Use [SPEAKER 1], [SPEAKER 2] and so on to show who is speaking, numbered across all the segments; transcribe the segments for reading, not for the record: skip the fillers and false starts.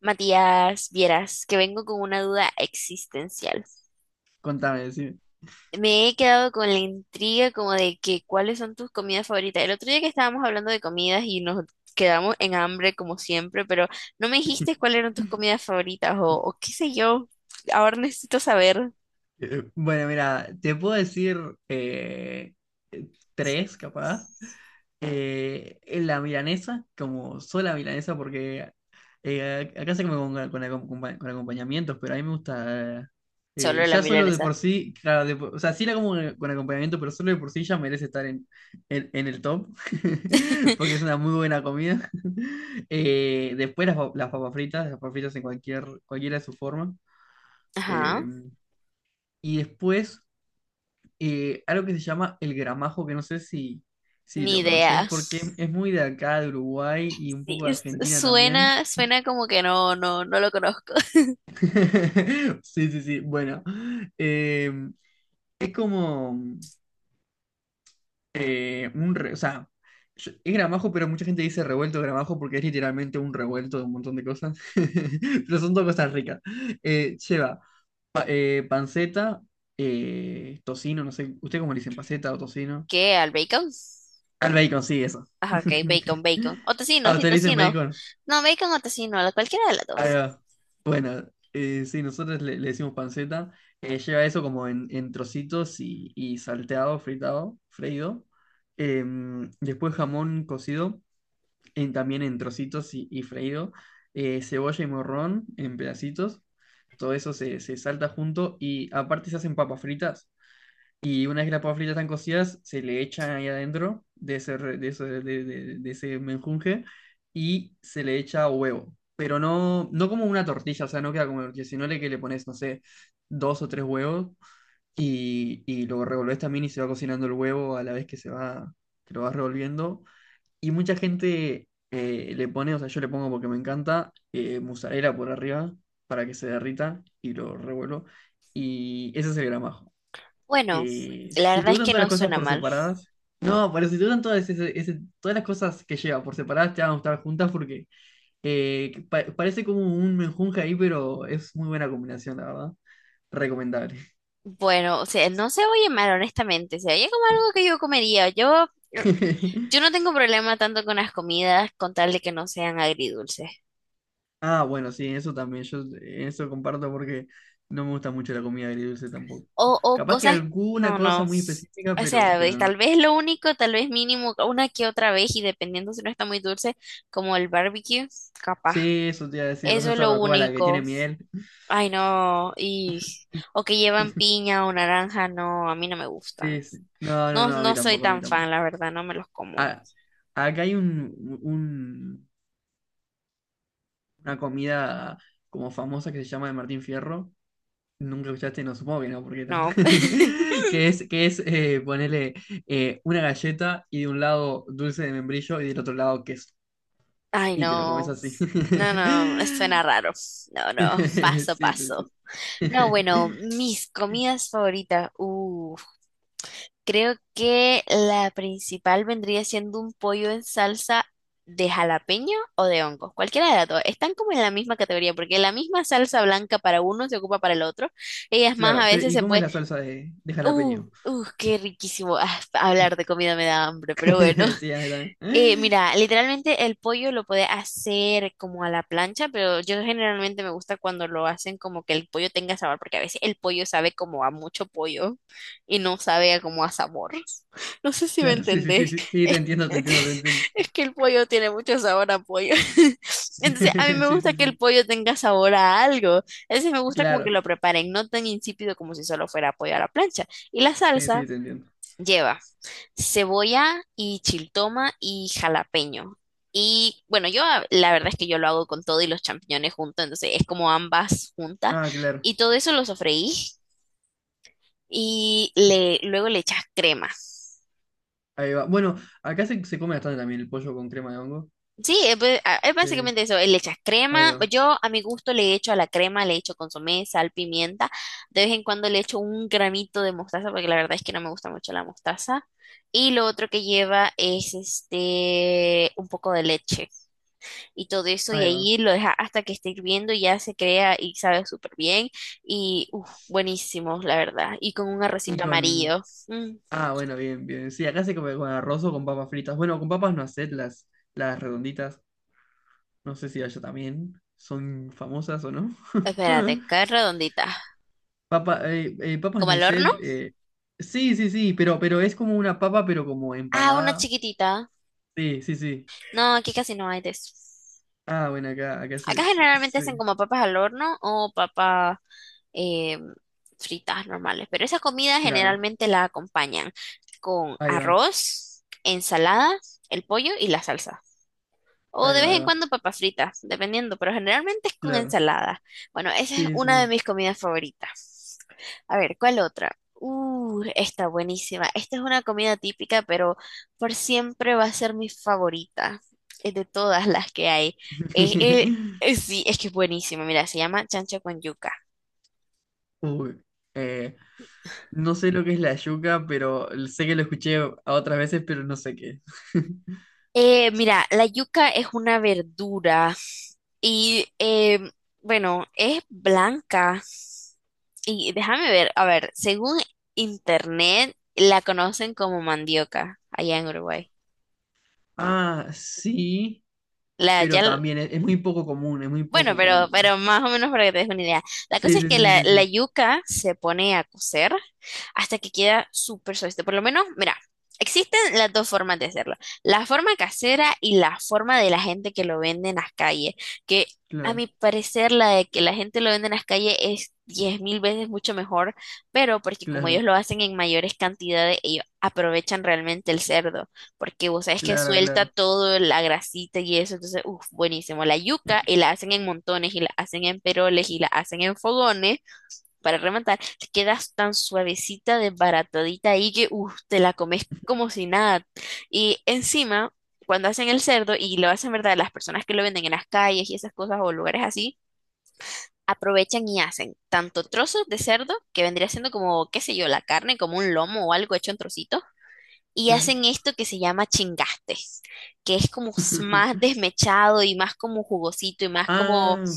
[SPEAKER 1] Matías, vieras que vengo con una duda existencial.
[SPEAKER 2] Contame, decime.
[SPEAKER 1] Me he quedado con la intriga como de que cuáles son tus comidas favoritas. El otro día que estábamos hablando de comidas y nos quedamos en hambre como siempre, pero no me dijiste cuáles eran tus comidas favoritas o qué sé yo. Ahora necesito saber.
[SPEAKER 2] Bueno, mira, te puedo decir eh, eh, tres, capaz. La milanesa, como sola milanesa, porque acá se come con acompañamientos, pero a mí me gusta.
[SPEAKER 1] Solo la
[SPEAKER 2] Ya solo de por
[SPEAKER 1] milanesa.
[SPEAKER 2] sí, claro, o sea, sí la como con acompañamiento, pero solo de por sí ya merece estar en el top, porque es una muy buena comida. Después las papas fritas en cualquiera de sus formas.
[SPEAKER 1] Ajá,
[SPEAKER 2] Y después, algo que se llama el gramajo, que no sé si
[SPEAKER 1] ni
[SPEAKER 2] lo
[SPEAKER 1] idea.
[SPEAKER 2] conoces, porque es muy de acá, de Uruguay y un
[SPEAKER 1] Sí,
[SPEAKER 2] poco de Argentina también.
[SPEAKER 1] suena, suena como que no, no, no lo conozco.
[SPEAKER 2] Sí, sí, sí. Bueno, eh, es como o sea, es gramajo, pero mucha gente dice revuelto de gramajo porque es literalmente un revuelto de un montón de cosas. Pero son dos cosas ricas. Lleva panceta, tocino, no sé, ¿usted cómo le dicen? ¿Panceta o tocino?
[SPEAKER 1] ¿Qué? ¿Al bacon?
[SPEAKER 2] Al bacon, sí, eso.
[SPEAKER 1] Ajá, ok, bacon, bacon. O tocino,
[SPEAKER 2] Ah,
[SPEAKER 1] sí,
[SPEAKER 2] ustedes le dicen
[SPEAKER 1] tocino.
[SPEAKER 2] bacon.
[SPEAKER 1] No, bacon o tocino, cualquiera de las
[SPEAKER 2] Ahí
[SPEAKER 1] dos.
[SPEAKER 2] va. Bueno, sí, nosotros le decimos panceta. Lleva eso como en trocitos y salteado, fritado, freído. Después jamón cocido, también en trocitos y freído. Cebolla y morrón en pedacitos. Todo eso se salta junto y aparte se hacen papas fritas. Y una vez que las papas fritas están cocidas, se le echan ahí adentro de ese, re- de ese menjunje y se le echa huevo. Pero no, no como una tortilla, o sea, no queda como una tortilla, sino que le pones, no sé, dos o tres huevos y lo revolves también y se va cocinando el huevo a la vez que se va, que lo vas revolviendo. Y mucha gente le pone, o sea, yo le pongo porque me encanta, mozzarella por arriba para que se derrita y lo revuelvo. Y ese es el gramajo,
[SPEAKER 1] Bueno, la
[SPEAKER 2] si te
[SPEAKER 1] verdad es
[SPEAKER 2] gustan
[SPEAKER 1] que
[SPEAKER 2] todas las
[SPEAKER 1] no
[SPEAKER 2] cosas
[SPEAKER 1] suena
[SPEAKER 2] por
[SPEAKER 1] mal.
[SPEAKER 2] separadas, no, pero si te gustan todas, todas las cosas que lleva por separadas, te van a gustar juntas porque parece como un menjunje ahí, pero es muy buena combinación, la verdad. Recomendable.
[SPEAKER 1] Bueno, o sea, no se oye mal, honestamente. Se oye como algo que yo comería. Yo, yo no tengo problema tanto con las comidas, con tal de que no sean agridulces.
[SPEAKER 2] Ah, bueno, sí, eso también, yo en eso comparto porque no me gusta mucho la comida agridulce tampoco.
[SPEAKER 1] O
[SPEAKER 2] Capaz que
[SPEAKER 1] cosas,
[SPEAKER 2] alguna
[SPEAKER 1] no, no.
[SPEAKER 2] cosa muy específica,
[SPEAKER 1] O sea,
[SPEAKER 2] pero no.
[SPEAKER 1] tal vez lo único, tal vez mínimo, una que otra vez, y dependiendo si no está muy dulce, como el barbecue, capaz.
[SPEAKER 2] Sí, eso te iba a decir, la
[SPEAKER 1] Eso es
[SPEAKER 2] salsa
[SPEAKER 1] lo
[SPEAKER 2] barbacoa, la que tiene
[SPEAKER 1] único.
[SPEAKER 2] miel.
[SPEAKER 1] Ay, no, y o que llevan piña o naranja, no, a mí no me gustan.
[SPEAKER 2] Sí, sí. No, no,
[SPEAKER 1] No,
[SPEAKER 2] no, a mí
[SPEAKER 1] no soy
[SPEAKER 2] tampoco, a mí
[SPEAKER 1] tan fan,
[SPEAKER 2] tampoco.
[SPEAKER 1] la verdad, no me los como.
[SPEAKER 2] Acá hay una comida como famosa que se llama de Martín Fierro. Nunca escuchaste, no supongo que no, porque tampoco.
[SPEAKER 1] No.
[SPEAKER 2] Que es ponerle una galleta y de un lado dulce de membrillo y del otro lado queso.
[SPEAKER 1] Ay,
[SPEAKER 2] Y te lo comes
[SPEAKER 1] no.
[SPEAKER 2] así.
[SPEAKER 1] No, no, suena raro. No, no, paso,
[SPEAKER 2] Sí, sí,
[SPEAKER 1] paso.
[SPEAKER 2] sí.
[SPEAKER 1] No, bueno, mis comidas favoritas. Creo que la principal vendría siendo un pollo en salsa de jalapeño o de hongos, cualquiera de las dos. Están como en la misma categoría, porque la misma salsa blanca para uno se ocupa para el otro. Y es más, a
[SPEAKER 2] Claro, pero
[SPEAKER 1] veces
[SPEAKER 2] ¿y
[SPEAKER 1] se
[SPEAKER 2] cómo es
[SPEAKER 1] puede...
[SPEAKER 2] la salsa de
[SPEAKER 1] ¡Uh!
[SPEAKER 2] jalapeño?
[SPEAKER 1] ¡Uh! ¡Qué riquísimo! Ah, hablar de comida me da hambre, pero bueno.
[SPEAKER 2] Sí, a mí también.
[SPEAKER 1] Mira, literalmente el pollo lo puede hacer como a la plancha, pero yo generalmente me gusta cuando lo hacen como que el pollo tenga sabor, porque a veces el pollo sabe como a mucho pollo y no sabe a como a sabor. No sé si me
[SPEAKER 2] Claro, sí, sí, sí,
[SPEAKER 1] entendés.
[SPEAKER 2] sí, sí, te
[SPEAKER 1] Es,
[SPEAKER 2] entiendo, te entiendo, te entiendo.
[SPEAKER 1] es que el pollo tiene mucho sabor a pollo. Entonces, a mí me
[SPEAKER 2] Sí,
[SPEAKER 1] gusta
[SPEAKER 2] sí,
[SPEAKER 1] que el
[SPEAKER 2] sí.
[SPEAKER 1] pollo tenga sabor a algo. Entonces, me gusta como que
[SPEAKER 2] Claro,
[SPEAKER 1] lo preparen, no tan insípido como si solo fuera pollo a la plancha. Y la
[SPEAKER 2] sí,
[SPEAKER 1] salsa
[SPEAKER 2] sí, te entiendo.
[SPEAKER 1] lleva cebolla y chiltoma y jalapeño. Y bueno, la verdad es que yo lo hago con todo y los champiñones juntos, entonces es como ambas juntas.
[SPEAKER 2] Ah, claro.
[SPEAKER 1] Y todo eso lo sofreí y le, luego le echas crema.
[SPEAKER 2] Ahí va. Bueno, acá se come bastante también el pollo con crema de hongo.
[SPEAKER 1] Sí, es, es
[SPEAKER 2] Sí,
[SPEAKER 1] básicamente eso, le echas
[SPEAKER 2] ahí
[SPEAKER 1] crema.
[SPEAKER 2] va.
[SPEAKER 1] Yo a mi gusto le echo a la crema, le echo consomé, sal, pimienta. De vez en cuando le echo un gramito de mostaza, porque la verdad es que no me gusta mucho la mostaza. Y lo otro que lleva es este un poco de leche, y todo eso, y
[SPEAKER 2] Ahí va.
[SPEAKER 1] ahí lo deja hasta que esté hirviendo y ya se crea y sabe súper bien. Y uf, buenísimo, la verdad. Y con un
[SPEAKER 2] Y
[SPEAKER 1] arrocito
[SPEAKER 2] con...
[SPEAKER 1] amarillo. Mm.
[SPEAKER 2] Ah, bueno, bien, bien. Sí, acá se come con arroz o con papas fritas. Bueno, con papas no haced las redonditas. No sé si allá también son famosas o no.
[SPEAKER 1] Espérate, ¿qué redondita?
[SPEAKER 2] Papa, papas
[SPEAKER 1] ¿Como al horno?
[SPEAKER 2] noisette. Sí, sí, sí, pero es como una papa, pero como
[SPEAKER 1] Ah, una
[SPEAKER 2] empanada.
[SPEAKER 1] chiquitita.
[SPEAKER 2] Sí, sí, sí.
[SPEAKER 1] No, aquí casi no hay de eso.
[SPEAKER 2] Ah, bueno, acá, acá se,
[SPEAKER 1] Acá
[SPEAKER 2] se-
[SPEAKER 1] generalmente hacen
[SPEAKER 2] se-
[SPEAKER 1] como papas al horno o papas eh, fritas normales, pero esa comida
[SPEAKER 2] Claro.
[SPEAKER 1] generalmente la acompañan con
[SPEAKER 2] Ahí va,
[SPEAKER 1] arroz, ensalada, el pollo y la salsa. O
[SPEAKER 2] ahí
[SPEAKER 1] de
[SPEAKER 2] va,
[SPEAKER 1] vez
[SPEAKER 2] ahí
[SPEAKER 1] en
[SPEAKER 2] va.
[SPEAKER 1] cuando papas fritas, dependiendo, pero generalmente es con
[SPEAKER 2] Claro.
[SPEAKER 1] ensalada. Bueno, esa es
[SPEAKER 2] Sí,
[SPEAKER 1] una de
[SPEAKER 2] sí.
[SPEAKER 1] mis comidas favoritas. A ver, ¿cuál otra? Esta buenísima. Esta es una comida típica, pero por siempre va a ser mi favorita de todas las que hay. Eh, eh, sí, es que es buenísima. Mira, se llama chancho con yuca.
[SPEAKER 2] Uy, eh, no sé lo que es la yuca, pero sé que lo escuché a otras veces, pero no sé qué es.
[SPEAKER 1] Mira, la yuca es una verdura y, bueno, es blanca. Y déjame ver, a ver, según internet la conocen como mandioca allá en Uruguay.
[SPEAKER 2] Ah, sí,
[SPEAKER 1] La, ya,
[SPEAKER 2] pero
[SPEAKER 1] l-
[SPEAKER 2] también es muy poco común, es muy
[SPEAKER 1] bueno,
[SPEAKER 2] poco común.
[SPEAKER 1] pero más o menos para que te des una idea. La cosa
[SPEAKER 2] Sí,
[SPEAKER 1] es
[SPEAKER 2] sí,
[SPEAKER 1] que
[SPEAKER 2] sí, sí,
[SPEAKER 1] la,
[SPEAKER 2] sí,
[SPEAKER 1] la
[SPEAKER 2] sí.
[SPEAKER 1] yuca se pone a cocer hasta que queda súper suave. Por lo menos, mira, existen las dos formas de hacerlo. La forma casera y la forma de la gente que lo vende en las calles, que a
[SPEAKER 2] Claro,
[SPEAKER 1] mi parecer la de que la gente lo vende en las calles es 10.000 veces mucho mejor, pero porque como ellos
[SPEAKER 2] claro,
[SPEAKER 1] lo hacen en mayores cantidades, ellos aprovechan realmente el cerdo, porque vos sabes que
[SPEAKER 2] claro,
[SPEAKER 1] suelta
[SPEAKER 2] claro,
[SPEAKER 1] todo, la grasita y eso, entonces, uff, buenísimo. La yuca y la hacen en montones y la hacen en peroles y la hacen en fogones para rematar, te quedas tan suavecita, desbaratadita ahí que uf, te la comes como si nada. Y encima, cuando hacen el cerdo, y lo hacen, ¿verdad? Las personas que lo venden en las calles y esas cosas o lugares así, aprovechan y hacen tanto trozos de cerdo, que vendría siendo como, qué sé yo, la carne, como un lomo o algo hecho en trocitos, y
[SPEAKER 2] claro.
[SPEAKER 1] hacen esto que se llama chingastes que es como más desmechado y más como jugosito y más como
[SPEAKER 2] Ah,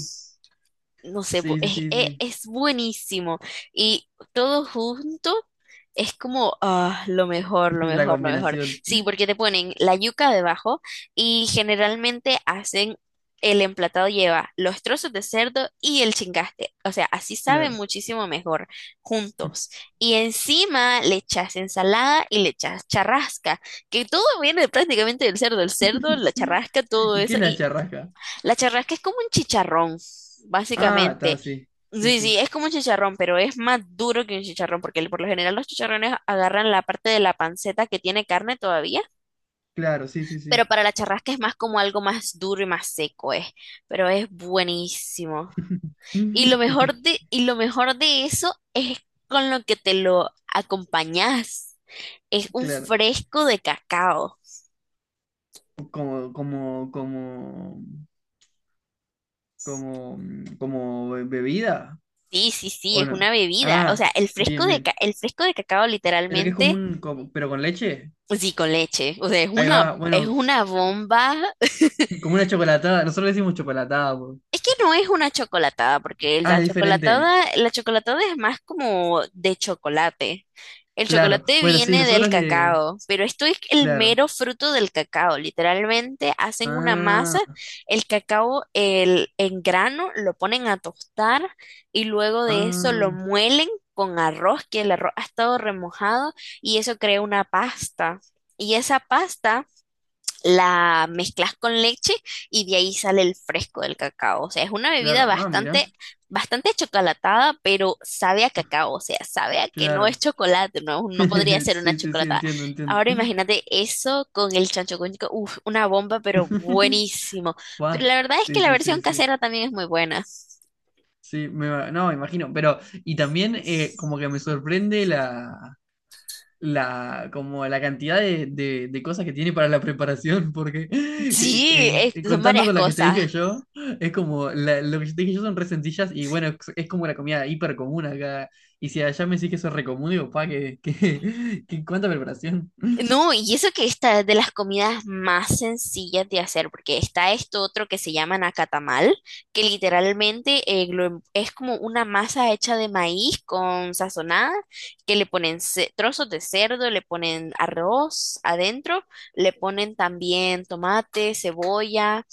[SPEAKER 1] no sé,
[SPEAKER 2] sí, sí, sí, sí.
[SPEAKER 1] es buenísimo. Y todo junto es como ah, lo mejor, lo
[SPEAKER 2] La
[SPEAKER 1] mejor, lo mejor.
[SPEAKER 2] combinación,
[SPEAKER 1] Sí, porque te ponen la yuca debajo y generalmente hacen el emplatado lleva los trozos de cerdo y el chingaste. O sea, así saben
[SPEAKER 2] claro.
[SPEAKER 1] muchísimo mejor juntos. Y encima le echas ensalada y le echas charrasca, que todo viene prácticamente del cerdo, el cerdo, la charrasca, todo
[SPEAKER 2] ¿Y qué
[SPEAKER 1] eso,
[SPEAKER 2] es la charrasca?
[SPEAKER 1] la charrasca es como un chicharrón,
[SPEAKER 2] Ah, está,
[SPEAKER 1] básicamente.
[SPEAKER 2] sí, sí,
[SPEAKER 1] Sí, sí,
[SPEAKER 2] sí.
[SPEAKER 1] es como un chicharrón, pero es más duro que un chicharrón, porque por lo general los chicharrones agarran la parte de la panceta que tiene carne todavía,
[SPEAKER 2] Claro, sí, sí,
[SPEAKER 1] pero
[SPEAKER 2] sí.
[SPEAKER 1] para la charrasca es más como algo más duro y más seco, pero es buenísimo. Y lo mejor de eso es con lo que te lo acompañas. Es un
[SPEAKER 2] Claro.
[SPEAKER 1] fresco de cacao.
[SPEAKER 2] Como, como, como, como, mm, como bebida,
[SPEAKER 1] Sí, sí, sí,
[SPEAKER 2] ¿o
[SPEAKER 1] es una
[SPEAKER 2] no?
[SPEAKER 1] bebida. O
[SPEAKER 2] Ah,
[SPEAKER 1] sea, el fresco
[SPEAKER 2] bien, bien.
[SPEAKER 1] el fresco de cacao
[SPEAKER 2] Pero que es como
[SPEAKER 1] literalmente
[SPEAKER 2] pero con leche.
[SPEAKER 1] sí, con leche. O sea,
[SPEAKER 2] Ahí va,
[SPEAKER 1] es
[SPEAKER 2] bueno,
[SPEAKER 1] una bomba.
[SPEAKER 2] como una chocolatada. Nosotros le decimos chocolatada, po.
[SPEAKER 1] Es que no es una chocolatada, porque
[SPEAKER 2] Ah, es diferente.
[SPEAKER 1] la chocolatada es más como de chocolate. El
[SPEAKER 2] Claro.
[SPEAKER 1] chocolate
[SPEAKER 2] Bueno, sí,
[SPEAKER 1] viene del
[SPEAKER 2] nosotros le,
[SPEAKER 1] cacao, pero esto es el
[SPEAKER 2] claro.
[SPEAKER 1] mero fruto del cacao. Literalmente hacen una masa,
[SPEAKER 2] Ah,
[SPEAKER 1] el cacao en grano lo ponen a tostar y luego de eso lo
[SPEAKER 2] ah,
[SPEAKER 1] muelen con arroz, que el arroz ha estado remojado y eso crea una pasta. Y esa pasta la mezclas con leche y de ahí sale el fresco del cacao. O sea, es una bebida
[SPEAKER 2] claro. Ah,
[SPEAKER 1] bastante,
[SPEAKER 2] mira,
[SPEAKER 1] bastante chocolatada, pero sabe a cacao. O sea, sabe a que no es
[SPEAKER 2] claro.
[SPEAKER 1] chocolate, no, no podría ser una
[SPEAKER 2] Sí, sí, sí,
[SPEAKER 1] chocolatada.
[SPEAKER 2] entiendo, entiendo.
[SPEAKER 1] Ahora imagínate eso con el chancho con chico. Uf, una bomba, pero buenísimo. Pero
[SPEAKER 2] Buah,
[SPEAKER 1] la verdad es que
[SPEAKER 2] sí,
[SPEAKER 1] la
[SPEAKER 2] sí, sí,
[SPEAKER 1] versión
[SPEAKER 2] sí.
[SPEAKER 1] casera también es muy buena.
[SPEAKER 2] Sí, no, me imagino, pero y también como que me sorprende como la cantidad de, de cosas que tiene para la preparación, porque
[SPEAKER 1] Sí, son
[SPEAKER 2] contando
[SPEAKER 1] varias
[SPEAKER 2] con la que te
[SPEAKER 1] cosas.
[SPEAKER 2] dije yo, es como, lo que yo te dije yo son re sencillas y bueno, es como la comida hiper común acá, y si allá me decís que eso es re común, digo, pa, que, que cuánta preparación.
[SPEAKER 1] No, y eso que esta es de las comidas más sencillas de hacer, porque está esto otro que se llama nacatamal, que literalmente es como una masa hecha de maíz con sazonada, que le ponen trozos de cerdo, le ponen arroz adentro, le ponen también tomate, cebolla,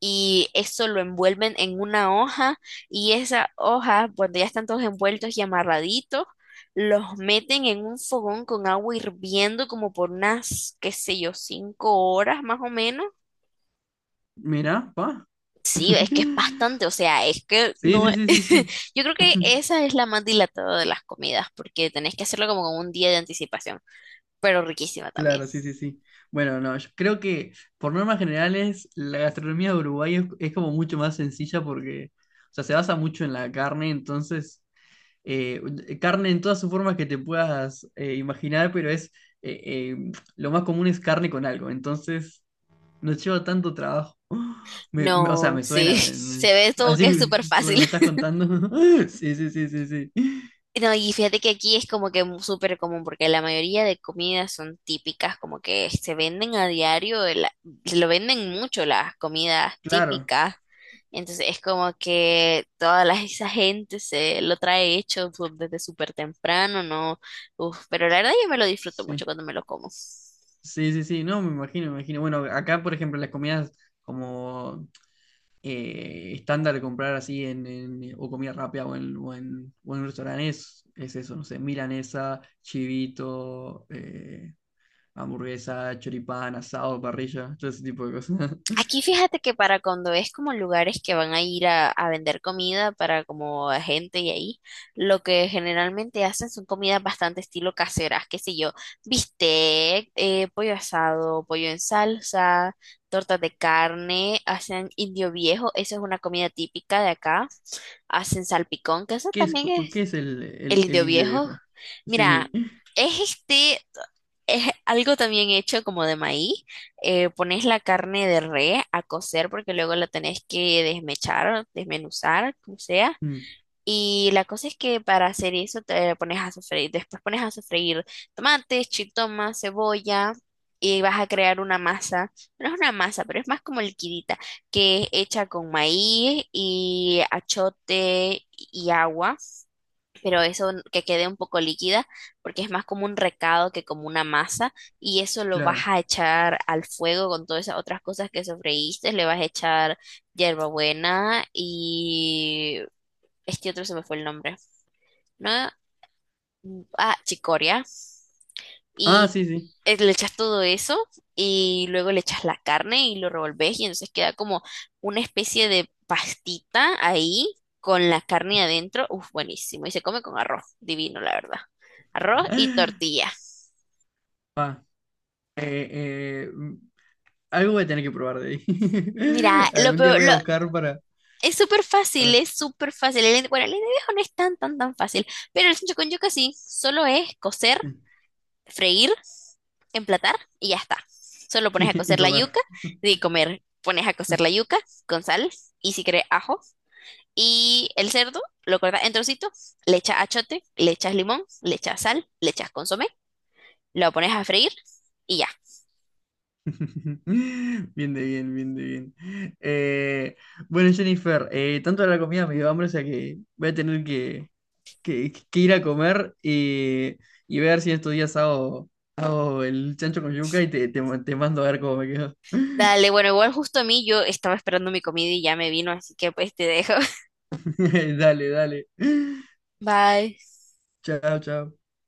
[SPEAKER 1] y eso lo envuelven en una hoja, y esa hoja, cuando ya están todos envueltos y amarraditos, los meten en un fogón con agua hirviendo como por unas, qué sé yo, 5 horas más o menos.
[SPEAKER 2] Mirá, pa.
[SPEAKER 1] Sí, es que es bastante, o sea, es que
[SPEAKER 2] Sí,
[SPEAKER 1] no,
[SPEAKER 2] sí, sí, sí, sí.
[SPEAKER 1] yo creo que esa es la más dilatada de las comidas, porque tenés que hacerlo como con un día de anticipación, pero riquísima también.
[SPEAKER 2] Claro, sí, sí, sí. Bueno, no, yo creo que por normas generales la gastronomía de Uruguay es como mucho más sencilla porque, o sea, se basa mucho en la carne, entonces, eh, carne en todas sus formas que te puedas imaginar, pero es, eh, lo más común es carne con algo, entonces no lleva tanto trabajo. O sea,
[SPEAKER 1] No,
[SPEAKER 2] me
[SPEAKER 1] sí,
[SPEAKER 2] suena,
[SPEAKER 1] se ve todo
[SPEAKER 2] así
[SPEAKER 1] que es súper
[SPEAKER 2] por lo que me
[SPEAKER 1] fácil.
[SPEAKER 2] estás contando. Sí, sí, sí, sí, sí.
[SPEAKER 1] No, y fíjate que aquí es como que súper común, porque la mayoría de comidas son típicas, como que se venden a diario, se lo venden mucho las comidas
[SPEAKER 2] Claro,
[SPEAKER 1] típicas. Entonces es como que toda la, esa gente se lo trae hecho desde súper temprano, ¿no? Uf, pero la verdad yo me lo disfruto
[SPEAKER 2] sí.
[SPEAKER 1] mucho cuando me lo como.
[SPEAKER 2] Sí, sí, sí, no, me imagino, me imagino. Bueno, acá, por ejemplo, las comidas como estándar de comprar así o comida rápida o en un restaurante es eso, no sé, milanesa, chivito, hamburguesa, choripán, asado, parrilla, todo ese tipo de cosas.
[SPEAKER 1] Aquí fíjate que para cuando es como lugares que van a ir a vender comida para como a gente y ahí, lo que generalmente hacen son comidas bastante estilo caseras, qué sé yo, bistec, pollo asado, pollo en salsa, tortas de carne, hacen indio viejo, esa es una comida típica de acá, hacen salpicón, que eso
[SPEAKER 2] ¿Qué es,
[SPEAKER 1] también
[SPEAKER 2] qué
[SPEAKER 1] es
[SPEAKER 2] es el, el,
[SPEAKER 1] el
[SPEAKER 2] el
[SPEAKER 1] indio
[SPEAKER 2] indio
[SPEAKER 1] viejo.
[SPEAKER 2] viejo?
[SPEAKER 1] Mira,
[SPEAKER 2] Sí,
[SPEAKER 1] es este es algo también hecho como de maíz. Pones la carne de res a cocer porque luego la tenés que desmechar, desmenuzar, como sea.
[SPEAKER 2] mm,
[SPEAKER 1] Y la cosa es que para hacer eso te pones a sofreír. Después pones a sofreír tomates, chitoma, cebolla. Y vas a crear una masa. No es una masa, pero es más como liquidita, que es hecha con maíz y achote y agua pero eso que quede un poco líquida, porque es más como un recado que como una masa, y eso lo vas
[SPEAKER 2] claro.
[SPEAKER 1] a echar al fuego con todas esas otras cosas que sofreíste, le vas a echar hierbabuena y este otro se me fue el nombre, ¿no? Ah, chicoria
[SPEAKER 2] Ah,
[SPEAKER 1] y
[SPEAKER 2] sí, sí.
[SPEAKER 1] le echas todo eso y luego le echas la carne y lo revolves y entonces queda como una especie de pastita ahí con la carne adentro. Uf, buenísimo. Y se come con arroz, divino, la verdad. Arroz y tortilla.
[SPEAKER 2] Ah, eh, eh, mm, algo voy a tener que probar de ahí.
[SPEAKER 1] Mira, lo
[SPEAKER 2] Algún día
[SPEAKER 1] peor,
[SPEAKER 2] voy a buscar para...
[SPEAKER 1] es súper fácil, es súper fácil. Bueno, el de viejo no es tan, tan, tan fácil, pero el sancocho con yuca sí, solo es cocer freír, emplatar y ya está. Solo pones a
[SPEAKER 2] Y
[SPEAKER 1] cocer la
[SPEAKER 2] comer.
[SPEAKER 1] yuca de comer. Pones a cocer la yuca con sal y si querés ajo. Y el cerdo lo cortas en trocitos, le echas achote, le echas limón, le echas sal, le echas consomé, lo pones a freír y ya.
[SPEAKER 2] Bien de bien, bien de bien. Eh, bueno, Jennifer, tanto de la comida me dio hambre, o sea que voy a tener que, que ir a comer y ver si estos días hago, hago el chancho con yuca y te mando a ver cómo me quedo.
[SPEAKER 1] Dale, bueno, igual justo a mí yo estaba esperando mi comida y ya me vino, así que pues te dejo.
[SPEAKER 2] Dale, dale.
[SPEAKER 1] Bye.
[SPEAKER 2] Chao, chao.